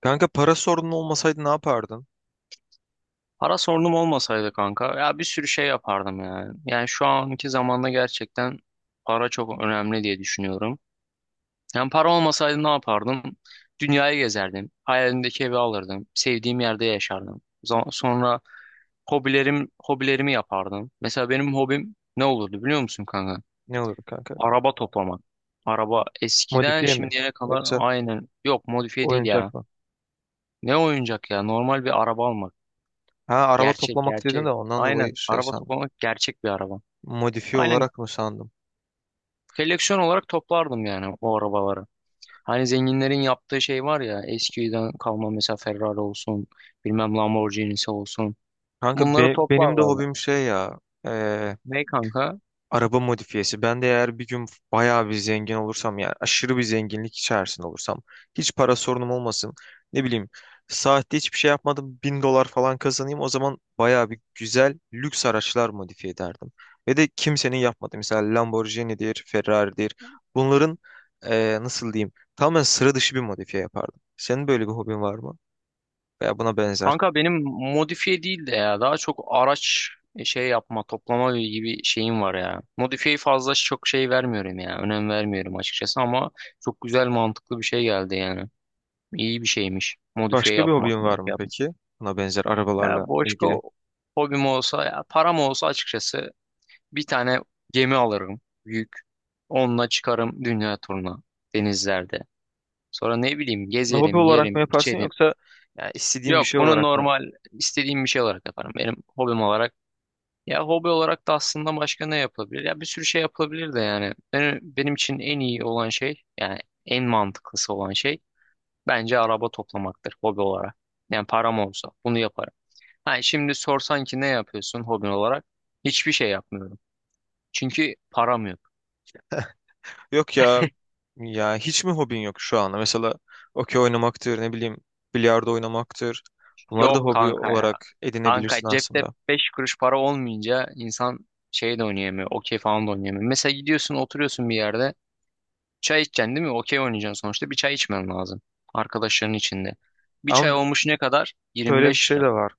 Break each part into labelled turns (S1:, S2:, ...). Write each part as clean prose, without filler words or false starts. S1: Kanka para sorunun olmasaydı ne yapardın?
S2: Para sorunum olmasaydı kanka ya bir sürü şey yapardım yani. Yani şu anki zamanda gerçekten para çok önemli diye düşünüyorum. Yani para olmasaydı ne yapardım? Dünyayı gezerdim. Hayalimdeki evi alırdım. Sevdiğim yerde yaşardım. Sonra hobilerimi yapardım. Mesela benim hobim ne olurdu biliyor musun kanka?
S1: Ne olurdu kanka?
S2: Araba toplamak. Araba eskiden
S1: Modifiye mi?
S2: şimdiye kadar
S1: Yoksa
S2: aynen yok modifiye değil ya.
S1: oyuncak mı?
S2: Ne oyuncak ya normal bir araba almak.
S1: Ha araba
S2: Gerçek
S1: toplamak dedin de
S2: gerçek.
S1: ondan
S2: Aynen.
S1: dolayı şey
S2: Araba
S1: sandım.
S2: toplamak gerçek bir araba.
S1: Modifiye
S2: Aynen
S1: olarak mı sandım?
S2: koleksiyon olarak toplardım yani o arabaları. Hani zenginlerin yaptığı şey var ya eskiden kalma mesela Ferrari olsun bilmem Lamborghini'si olsun.
S1: Kanka
S2: Bunları
S1: benim de
S2: toplarlardı.
S1: hobim şey ya.
S2: Ne kanka?
S1: Araba modifiyesi. Ben de eğer bir gün bayağı bir zengin olursam yani aşırı bir zenginlik içerisinde olursam hiç para sorunum olmasın. Ne bileyim saatte hiçbir şey yapmadım 1.000 dolar falan kazanayım, o zaman bayağı bir güzel lüks araçlar modifiye ederdim. Ve de kimsenin yapmadığı mesela Lamborghini'dir, Ferrari'dir. Bunların nasıl diyeyim tamamen sıra dışı bir modifiye yapardım. Senin böyle bir hobin var mı? Veya buna benzer.
S2: Kanka benim modifiye değil de ya daha çok araç şey yapma toplama gibi şeyim var ya. Modifiye fazla çok şey vermiyorum ya. Önem vermiyorum açıkçası ama çok güzel mantıklı bir şey geldi yani. İyi bir şeymiş. Modifiye
S1: Başka bir
S2: yapmak,
S1: hobin var
S2: modifiye
S1: mı
S2: yapmak.
S1: peki? Buna benzer
S2: Ya
S1: arabalarla ilgili.
S2: Boşko hobim olsa ya param olsa açıkçası bir tane gemi alırım büyük. Onunla çıkarım dünya turuna denizlerde. Sonra ne bileyim
S1: Hobi
S2: gezerim,
S1: olarak mı
S2: yerim,
S1: yaparsın
S2: içerim.
S1: yoksa yani istediğin bir
S2: Yok
S1: şey
S2: bunu
S1: olarak mı?
S2: normal istediğim bir şey olarak yaparım. Benim hobim olarak. Ya hobi olarak da aslında başka ne yapılabilir? Ya bir sürü şey yapılabilir de yani. Benim için en iyi olan şey yani en mantıklısı olan şey bence araba toplamaktır hobi olarak. Yani param olsa bunu yaparım. Ha, şimdi sorsan ki ne yapıyorsun hobin olarak? Hiçbir şey yapmıyorum. Çünkü param yok.
S1: Yok ya, ya hiç mi hobin yok şu anda? Mesela okey oynamaktır, ne bileyim bilardo oynamaktır. Bunları da
S2: Yok
S1: hobi
S2: kanka ya.
S1: olarak edinebilirsin
S2: Kanka cepte
S1: aslında.
S2: 5 kuruş para olmayınca insan şey de oynayamıyor. Okey falan da oynayamıyor. Mesela gidiyorsun oturuyorsun bir yerde. Çay içeceksin değil mi? Okey oynayacaksın sonuçta. Bir çay içmen lazım. Arkadaşların içinde. Bir çay
S1: Ama
S2: olmuş ne kadar? yirmi
S1: böyle bir
S2: beş
S1: şey
S2: lira.
S1: de var.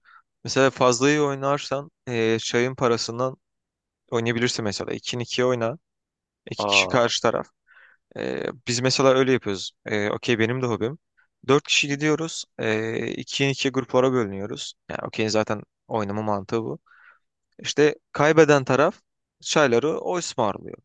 S1: Mesela fazla iyi oynarsan çayın parasından oynayabilirsin mesela. 2'nin 2'ye oyna. İki kişi
S2: Aa,
S1: karşı taraf. Biz mesela öyle yapıyoruz. Okey benim de hobim. Dört kişi gidiyoruz. 2'ye 2'ye gruplara bölünüyoruz. Yani okey zaten oynama mantığı bu. İşte kaybeden taraf çayları o ısmarlıyor.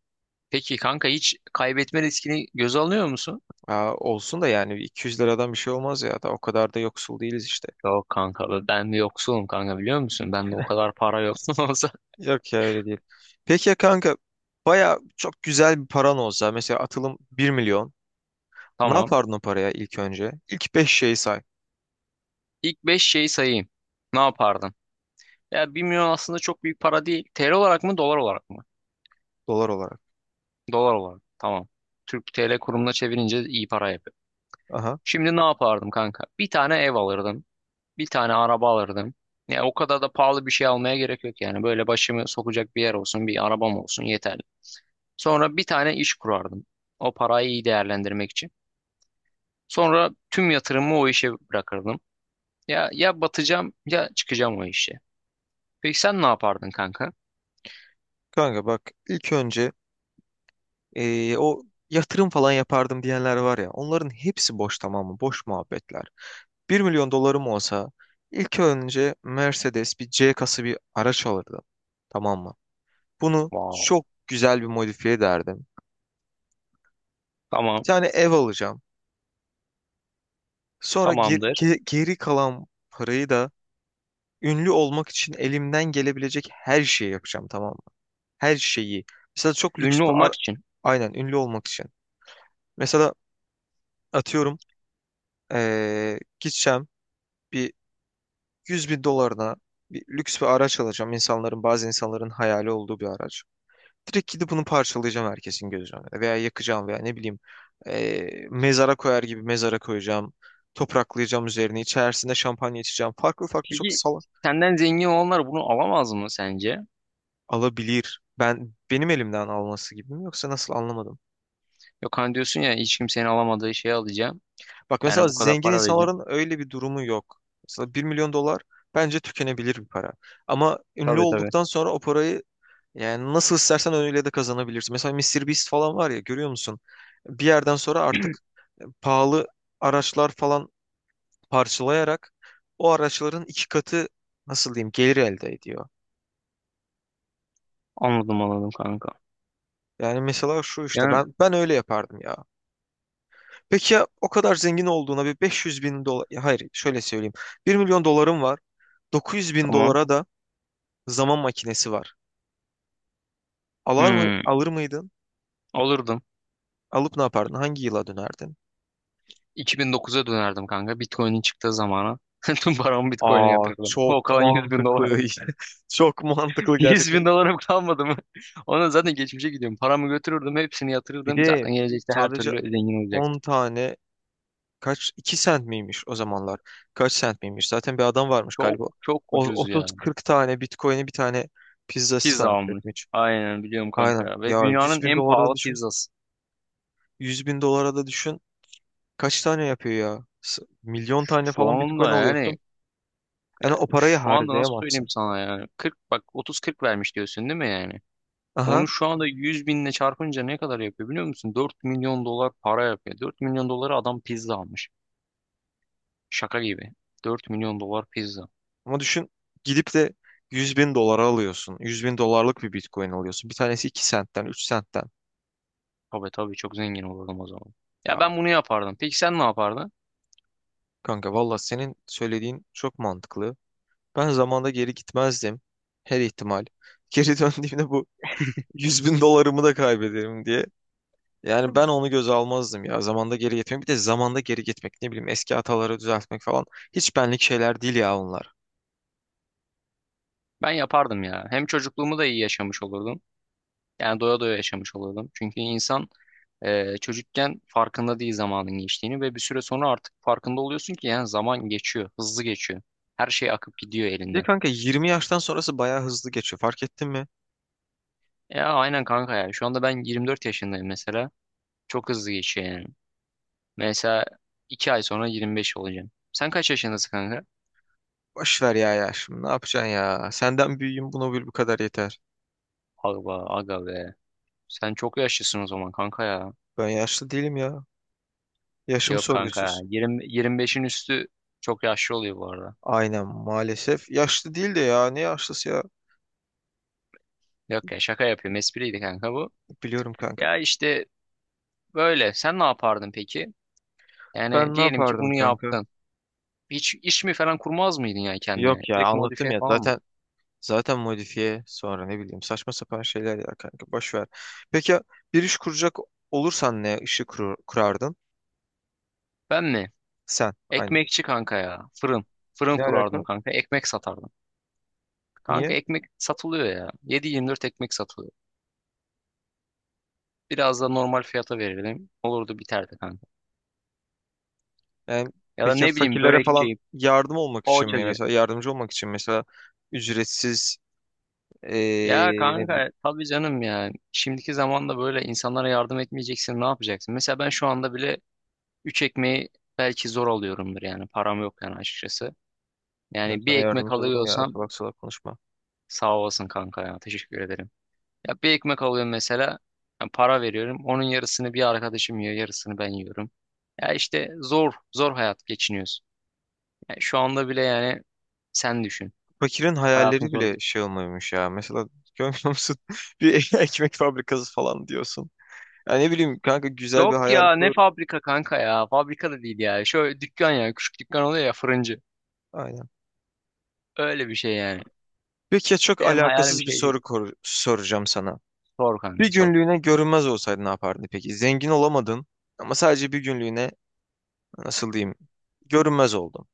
S2: peki kanka hiç kaybetme riskini göze alıyor musun?
S1: Ya olsun da, yani 200 liradan bir şey olmaz, ya da o kadar da yoksul değiliz işte.
S2: Yok kanka ben bir yoksulum kanka biliyor musun? Bende o kadar para yok. Olsa
S1: Yok ya, öyle değil. Peki ya kanka, baya çok güzel bir paran olsa, mesela atılım 1 milyon. Ne
S2: tamam.
S1: yapardın o paraya ilk önce? İlk 5 şeyi say.
S2: İlk 5 şeyi sayayım. Ne yapardın? Ya 1 milyon aslında çok büyük para değil. TL olarak mı, dolar olarak mı?
S1: Dolar olarak.
S2: Dolar olarak. Tamam. Türk TL kurumuna çevirince iyi para yapıyor.
S1: Aha,
S2: Şimdi ne yapardım kanka? Bir tane ev alırdım. Bir tane araba alırdım. Ya o kadar da pahalı bir şey almaya gerek yok yani. Böyle başımı sokacak bir yer olsun, bir arabam olsun yeterli. Sonra bir tane iş kurardım. O parayı iyi değerlendirmek için. Sonra tüm yatırımımı o işe bırakırdım. Ya ya batacağım ya çıkacağım o işe. Peki sen ne yapardın kanka?
S1: kanka bak ilk önce o yatırım falan yapardım diyenler var ya, onların hepsi boş, tamam mı? Boş muhabbetler. 1 milyon dolarım olsa ilk önce Mercedes bir C kası bir araç alırdım. Tamam mı? Bunu
S2: Wow.
S1: çok güzel bir modifiye ederdim. Bir
S2: Tamam,
S1: tane ev alacağım. Sonra
S2: tamamdır.
S1: geri kalan parayı da ünlü olmak için elimden gelebilecek her şeyi yapacağım, tamam mı? Her şeyi. Mesela çok lüks
S2: Ünlü
S1: bir
S2: olmak için.
S1: Aynen ünlü olmak için. Mesela, atıyorum, gideceğim, bir 100 bin dolarına bir lüks bir araç alacağım. İnsanların, bazı insanların hayali olduğu bir araç. Direkt gidip bunu parçalayacağım herkesin gözü önünde. Veya yakacağım, veya ne bileyim mezara koyar gibi mezara koyacağım. Topraklayacağım üzerine. İçerisinde şampanya içeceğim. Farklı farklı, çok
S2: Peki
S1: salak.
S2: senden zengin olanlar bunu alamaz mı sence?
S1: Alabilir. Ben benim elimden alması gibi mi, yoksa nasıl, anlamadım.
S2: Yok hani diyorsun ya hiç kimsenin alamadığı şeyi alacağım.
S1: Bak mesela
S2: Yani bu kadar
S1: zengin
S2: para vereceğim.
S1: insanların öyle bir durumu yok. Mesela 1 milyon dolar bence tükenebilir bir para. Ama ünlü
S2: Tabii tabii.
S1: olduktan sonra o parayı yani nasıl istersen öyle de kazanabilirsin. Mesela Mister Beast falan var ya, görüyor musun? Bir yerden sonra artık pahalı araçlar falan parçalayarak o araçların 2 katı, nasıl diyeyim, gelir elde ediyor.
S2: Anladım anladım kanka.
S1: Yani mesela şu işte
S2: Yani
S1: ben öyle yapardım ya. Peki ya, o kadar zengin olduğuna bir 500 bin dolar, hayır, şöyle söyleyeyim. 1 milyon dolarım var. 900 bin
S2: tamam.
S1: dolara da zaman makinesi var.
S2: Hmm,
S1: Alır mıydın?
S2: olurdum.
S1: Alıp ne yapardın? Hangi yıla dönerdin?
S2: 2009'a dönerdim kanka. Bitcoin'in çıktığı zamana. Tüm paramı Bitcoin'e
S1: Aa,
S2: yatırırdım. O
S1: çok
S2: kalan 100 bin
S1: mantıklı.
S2: dolar.
S1: Çok mantıklı
S2: 100
S1: gerçekten.
S2: bin dolarım kalmadı mı? Ona zaten geçmişe gidiyorum. Paramı götürürdüm. Hepsini
S1: Bir
S2: yatırırdım.
S1: de
S2: Zaten gelecekte her
S1: sadece
S2: türlü zengin
S1: on
S2: olacaktım.
S1: tane kaç, 2 sent miymiş o zamanlar? Kaç sent miymiş? Zaten bir adam varmış
S2: Çok
S1: galiba.
S2: çok
S1: O
S2: ucuz ya.
S1: 30-40 tane Bitcoin'i bir tane pizza
S2: Pizza
S1: sipariş
S2: almış.
S1: etmiş.
S2: Aynen biliyorum kanka
S1: Aynen.
S2: ya. Ve
S1: Ya 100
S2: dünyanın
S1: bin
S2: en
S1: dolara da
S2: pahalı
S1: düşün.
S2: pizzası.
S1: 100 bin dolara da düşün. Kaç tane yapıyor ya? Milyon tane
S2: Şu
S1: falan Bitcoin
S2: anda yani
S1: alıyorsun. Yani o parayı
S2: şu anda nasıl söyleyeyim
S1: harcayamazsın.
S2: sana yani 40 bak 30-40 vermiş diyorsun değil mi yani?
S1: Aha,
S2: Onu şu anda 100 binle çarpınca ne kadar yapıyor biliyor musun? 4 milyon dolar para yapıyor. 4 milyon dolara adam pizza almış. Şaka gibi. 4 milyon dolar pizza.
S1: ama düşün, gidip de 100 bin dolara alıyorsun. 100 bin dolarlık bir Bitcoin alıyorsun. Bir tanesi 2 sentten, 3 sentten.
S2: Tabii tabii çok zengin olurdum o zaman. Ya
S1: Ya
S2: ben bunu yapardım. Peki sen ne yapardın?
S1: kanka, valla senin söylediğin çok mantıklı. Ben zamanda geri gitmezdim. Her ihtimal. Geri döndüğümde bu 100 bin dolarımı da kaybederim diye. Yani ben onu göze almazdım ya, zamanda geri gitmek. Bir de zamanda geri gitmek, ne bileyim, eski hataları düzeltmek falan. Hiç benlik şeyler değil ya onlar.
S2: Ben yapardım ya. Hem çocukluğumu da iyi yaşamış olurdum. Yani doya doya yaşamış olurdum. Çünkü insan çocukken farkında değil zamanın geçtiğini ve bir süre sonra artık farkında oluyorsun ki yani zaman geçiyor, hızlı geçiyor. Her şey akıp gidiyor
S1: Bir de
S2: elinden.
S1: kanka, 20 yaştan sonrası bayağı hızlı geçiyor. Fark ettin mi?
S2: Ya aynen kanka ya. Şu anda ben 24 yaşındayım mesela. Çok hızlı geçiyor yani. Mesela 2 ay sonra 25 olacağım. Sen kaç yaşındasın kanka?
S1: Boş ver ya, ya şimdi ne yapacaksın ya? Senden büyüğüm, bunu bil, bu kadar yeter.
S2: Aga, aga be. Sen çok yaşlısın o zaman kanka ya.
S1: Ben yaşlı değilim ya. Yaşım
S2: Yok kanka ya.
S1: sorgusuz.
S2: 20, 25'in üstü çok yaşlı oluyor bu arada.
S1: Aynen, maalesef. Yaşlı değil de ya, ne yaşlısı ya?
S2: Yok ya şaka yapıyorum. Espriydi kanka bu.
S1: Biliyorum kanka.
S2: Ya işte böyle. Sen ne yapardın peki? Yani
S1: Ben ne
S2: diyelim ki
S1: yapardım
S2: bunu
S1: kanka?
S2: yaptın. Hiç iş mi falan kurmaz mıydın yani kendine?
S1: Yok ya,
S2: Direkt
S1: anlattım
S2: modifiye
S1: ya.
S2: falan mı?
S1: Zaten modifiye, sonra ne bileyim saçma sapan şeyler ya kanka. Boş ver. Peki ya, bir iş kuracak olursan ne işi kurardın?
S2: Ben mi?
S1: Sen. Aynen.
S2: Ekmekçi kanka ya. Fırın. Fırın
S1: Ne alaka?
S2: kurardım kanka. Ekmek satardım. Kanka
S1: Niye?
S2: ekmek satılıyor ya. 7/24 ekmek satılıyor. Biraz da normal fiyata verelim, olurdu biterdi kanka.
S1: Yani
S2: Ya da
S1: peki ya
S2: ne bileyim
S1: fakirlere falan
S2: börekçi,
S1: yardım olmak için mi?
S2: poğaçacı.
S1: Mesela yardımcı olmak için, mesela ücretsiz,
S2: Ya
S1: ne bileyim,
S2: kanka tabii canım ya. Şimdiki zamanda böyle insanlara yardım etmeyeceksin ne yapacaksın? Mesela ben şu anda bile 3 ekmeği belki zor alıyorumdur yani. Param yok yani açıkçası.
S1: ben
S2: Yani bir
S1: sana
S2: ekmek
S1: yardımcı olurum ya,
S2: alıyorsam
S1: salak salak konuşma.
S2: sağ olasın kanka ya. Teşekkür ederim. Ya bir ekmek alıyorum mesela, ben para veriyorum. Onun yarısını bir arkadaşım yiyor. Yarısını ben yiyorum. Ya işte zor. Zor hayat geçiniyoruz. Ya şu anda bile yani sen düşün.
S1: Fakirin
S2: Hayatın
S1: hayalleri
S2: zor.
S1: bile şey olmuyormuş ya. Mesela görmüyor musun? Bir ekmek fabrikası falan diyorsun. Ya ne bileyim kanka, güzel bir
S2: Yok
S1: hayal
S2: ya ne
S1: kur.
S2: fabrika kanka ya. Fabrika da değil ya. Şöyle dükkan ya. Küçük dükkan oluyor ya fırıncı.
S1: Aynen.
S2: Öyle bir şey yani.
S1: Peki ya, çok
S2: Benim hayalim
S1: alakasız bir
S2: şey
S1: soru
S2: değil.
S1: soracağım sana.
S2: Sor kanka
S1: Bir
S2: sor.
S1: günlüğüne görünmez olsaydın ne yapardın peki? Zengin olamadın, ama sadece bir günlüğüne, nasıl diyeyim, görünmez oldun.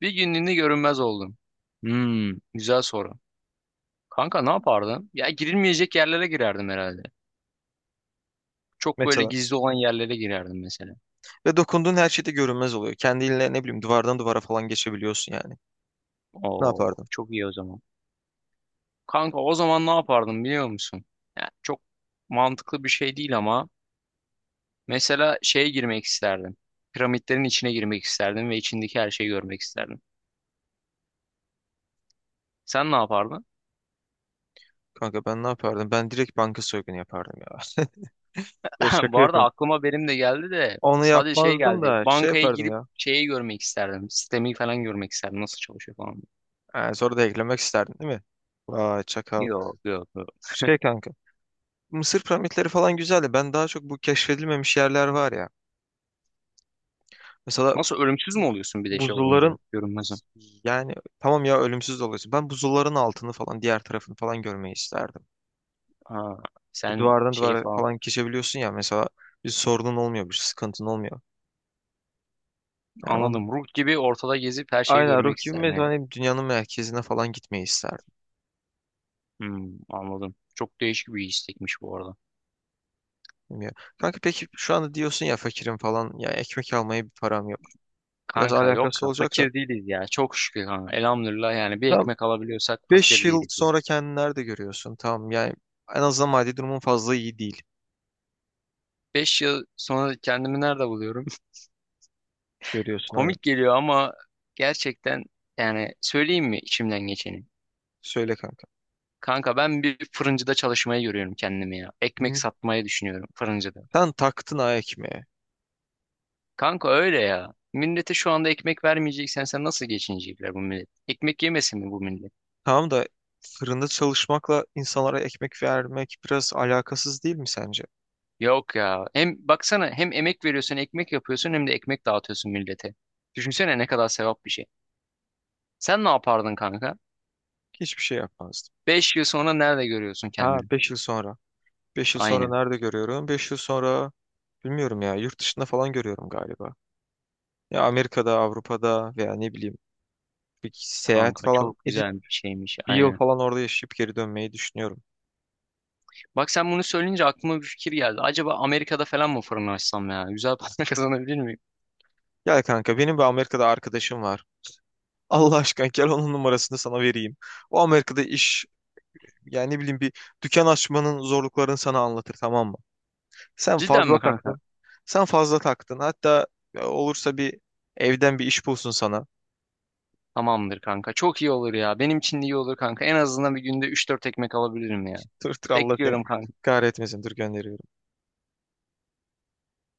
S2: Bir günlüğüne görünmez oldum. Hmm, güzel soru. Kanka ne yapardın? Ya girilmeyecek yerlere girerdim herhalde. Çok böyle
S1: Mesela,
S2: gizli olan yerlere girerdim mesela.
S1: ve dokunduğun her şeyde görünmez oluyor. Kendinle, ne bileyim, duvardan duvara falan geçebiliyorsun yani. Ne
S2: Oo,
S1: yapardın?
S2: çok iyi o zaman. Kanka o zaman ne yapardım biliyor musun? Yani çok mantıklı bir şey değil ama mesela şeye girmek isterdim. Piramitlerin içine girmek isterdim ve içindeki her şeyi görmek isterdim. Sen ne yapardın?
S1: Kanka ben ne yapardım? Ben direkt banka soygunu yapardım ya. Ya
S2: Bu
S1: şaka
S2: arada
S1: yapıyorum.
S2: aklıma benim de geldi de
S1: Onu
S2: sadece şey
S1: yapmazdım
S2: geldi.
S1: da şey
S2: Bankaya
S1: yapardım
S2: girip
S1: ya.
S2: şeyi görmek isterdim. Sistemi falan görmek isterdim. Nasıl çalışıyor falan.
S1: Yani sonra da eklemek isterdin, değil mi? Vay çakal.
S2: Yok yok yok.
S1: Şey kanka. Mısır piramitleri falan güzeldi. Ben daha çok bu keşfedilmemiş yerler var ya. Mesela
S2: Nasıl ölümsüz mü oluyorsun bir de şey olunca?
S1: buzulların,
S2: Görünmezim.
S1: yani tamam ya, ölümsüz de oluyorsun. Ben buzulların altını falan, diğer tarafını falan görmeyi isterdim.
S2: Ha, sen
S1: Duvardan
S2: şey
S1: duvara
S2: falan.
S1: falan geçebiliyorsun ya, mesela bir sorunun olmuyor, bir sıkıntın olmuyor. Yani
S2: Anladım. Ruh gibi ortada gezip her şeyi
S1: aynen, ruh
S2: görmek
S1: gibi,
S2: isterdin yani.
S1: mezun dünyanın merkezine falan gitmeyi isterdim.
S2: Hmm, anladım. Çok değişik bir istekmiş bu arada.
S1: Bilmiyorum. Kanka peki, şu anda diyorsun ya fakirim falan, ya ekmek almaya bir param yok. Biraz
S2: Kanka yok
S1: alakası
S2: ya
S1: olacak da,
S2: fakir değiliz ya. Çok şükür kanka. Elhamdülillah yani bir
S1: tam
S2: ekmek alabiliyorsak
S1: 5
S2: fakir
S1: yıl
S2: değiliz ya.
S1: sonra kendini nerede görüyorsun? Tamam yani, en azından maddi durumun fazla iyi değil.
S2: 5 yıl sonra kendimi nerede buluyorum?
S1: Görüyorsun aynen.
S2: Komik geliyor ama gerçekten yani söyleyeyim mi içimden geçeni?
S1: Söyle kanka.
S2: Kanka ben bir fırıncıda çalışmayı görüyorum kendimi ya. Ekmek
S1: Hı.
S2: satmayı düşünüyorum fırıncıda.
S1: Sen taktın ha ekmeğe.
S2: Kanka öyle ya. Millete şu anda ekmek vermeyeceksen sen nasıl geçinecekler bu millet? Ekmek yemesin mi bu millet?
S1: Tamam da, fırında çalışmakla insanlara ekmek vermek biraz alakasız değil mi sence?
S2: Yok ya. Hem baksana hem emek veriyorsun, ekmek yapıyorsun hem de ekmek dağıtıyorsun millete. Düşünsene ne kadar sevap bir şey. Sen ne yapardın kanka?
S1: Hiçbir şey yapmazdım.
S2: 5 yıl sonra nerede görüyorsun
S1: Ha,
S2: kendini?
S1: 5 yıl sonra. 5 yıl sonra
S2: Aynen.
S1: nerede görüyorum? 5 yıl sonra, bilmiyorum ya. Yurt dışında falan görüyorum galiba. Ya Amerika'da, Avrupa'da, veya ne bileyim bir seyahat
S2: Kanka
S1: falan
S2: çok
S1: edip
S2: güzel bir şeymiş.
S1: 1 yıl
S2: Aynen.
S1: falan orada yaşayıp geri dönmeyi düşünüyorum.
S2: Bak sen bunu söyleyince aklıma bir fikir geldi. Acaba Amerika'da falan mı fırın açsam ya? Güzel para kazanabilir miyim?
S1: Gel kanka, benim bir Amerika'da arkadaşım var. Allah aşkına, gel onun numarasını sana vereyim. O Amerika'da iş, yani ne bileyim bir dükkan açmanın zorluklarını sana anlatır, tamam mı? Sen
S2: Cidden
S1: fazla
S2: mi kanka?
S1: taktın. Sen fazla taktın. Hatta, olursa bir evden bir iş bulsun sana.
S2: Tamamdır kanka. Çok iyi olur ya. Benim için de iyi olur kanka. En azından bir günde üç dört ekmek alabilirim ya.
S1: Dur dur, Allah seni
S2: Bekliyorum kanka.
S1: kahretmesin. Dur, gönderiyorum.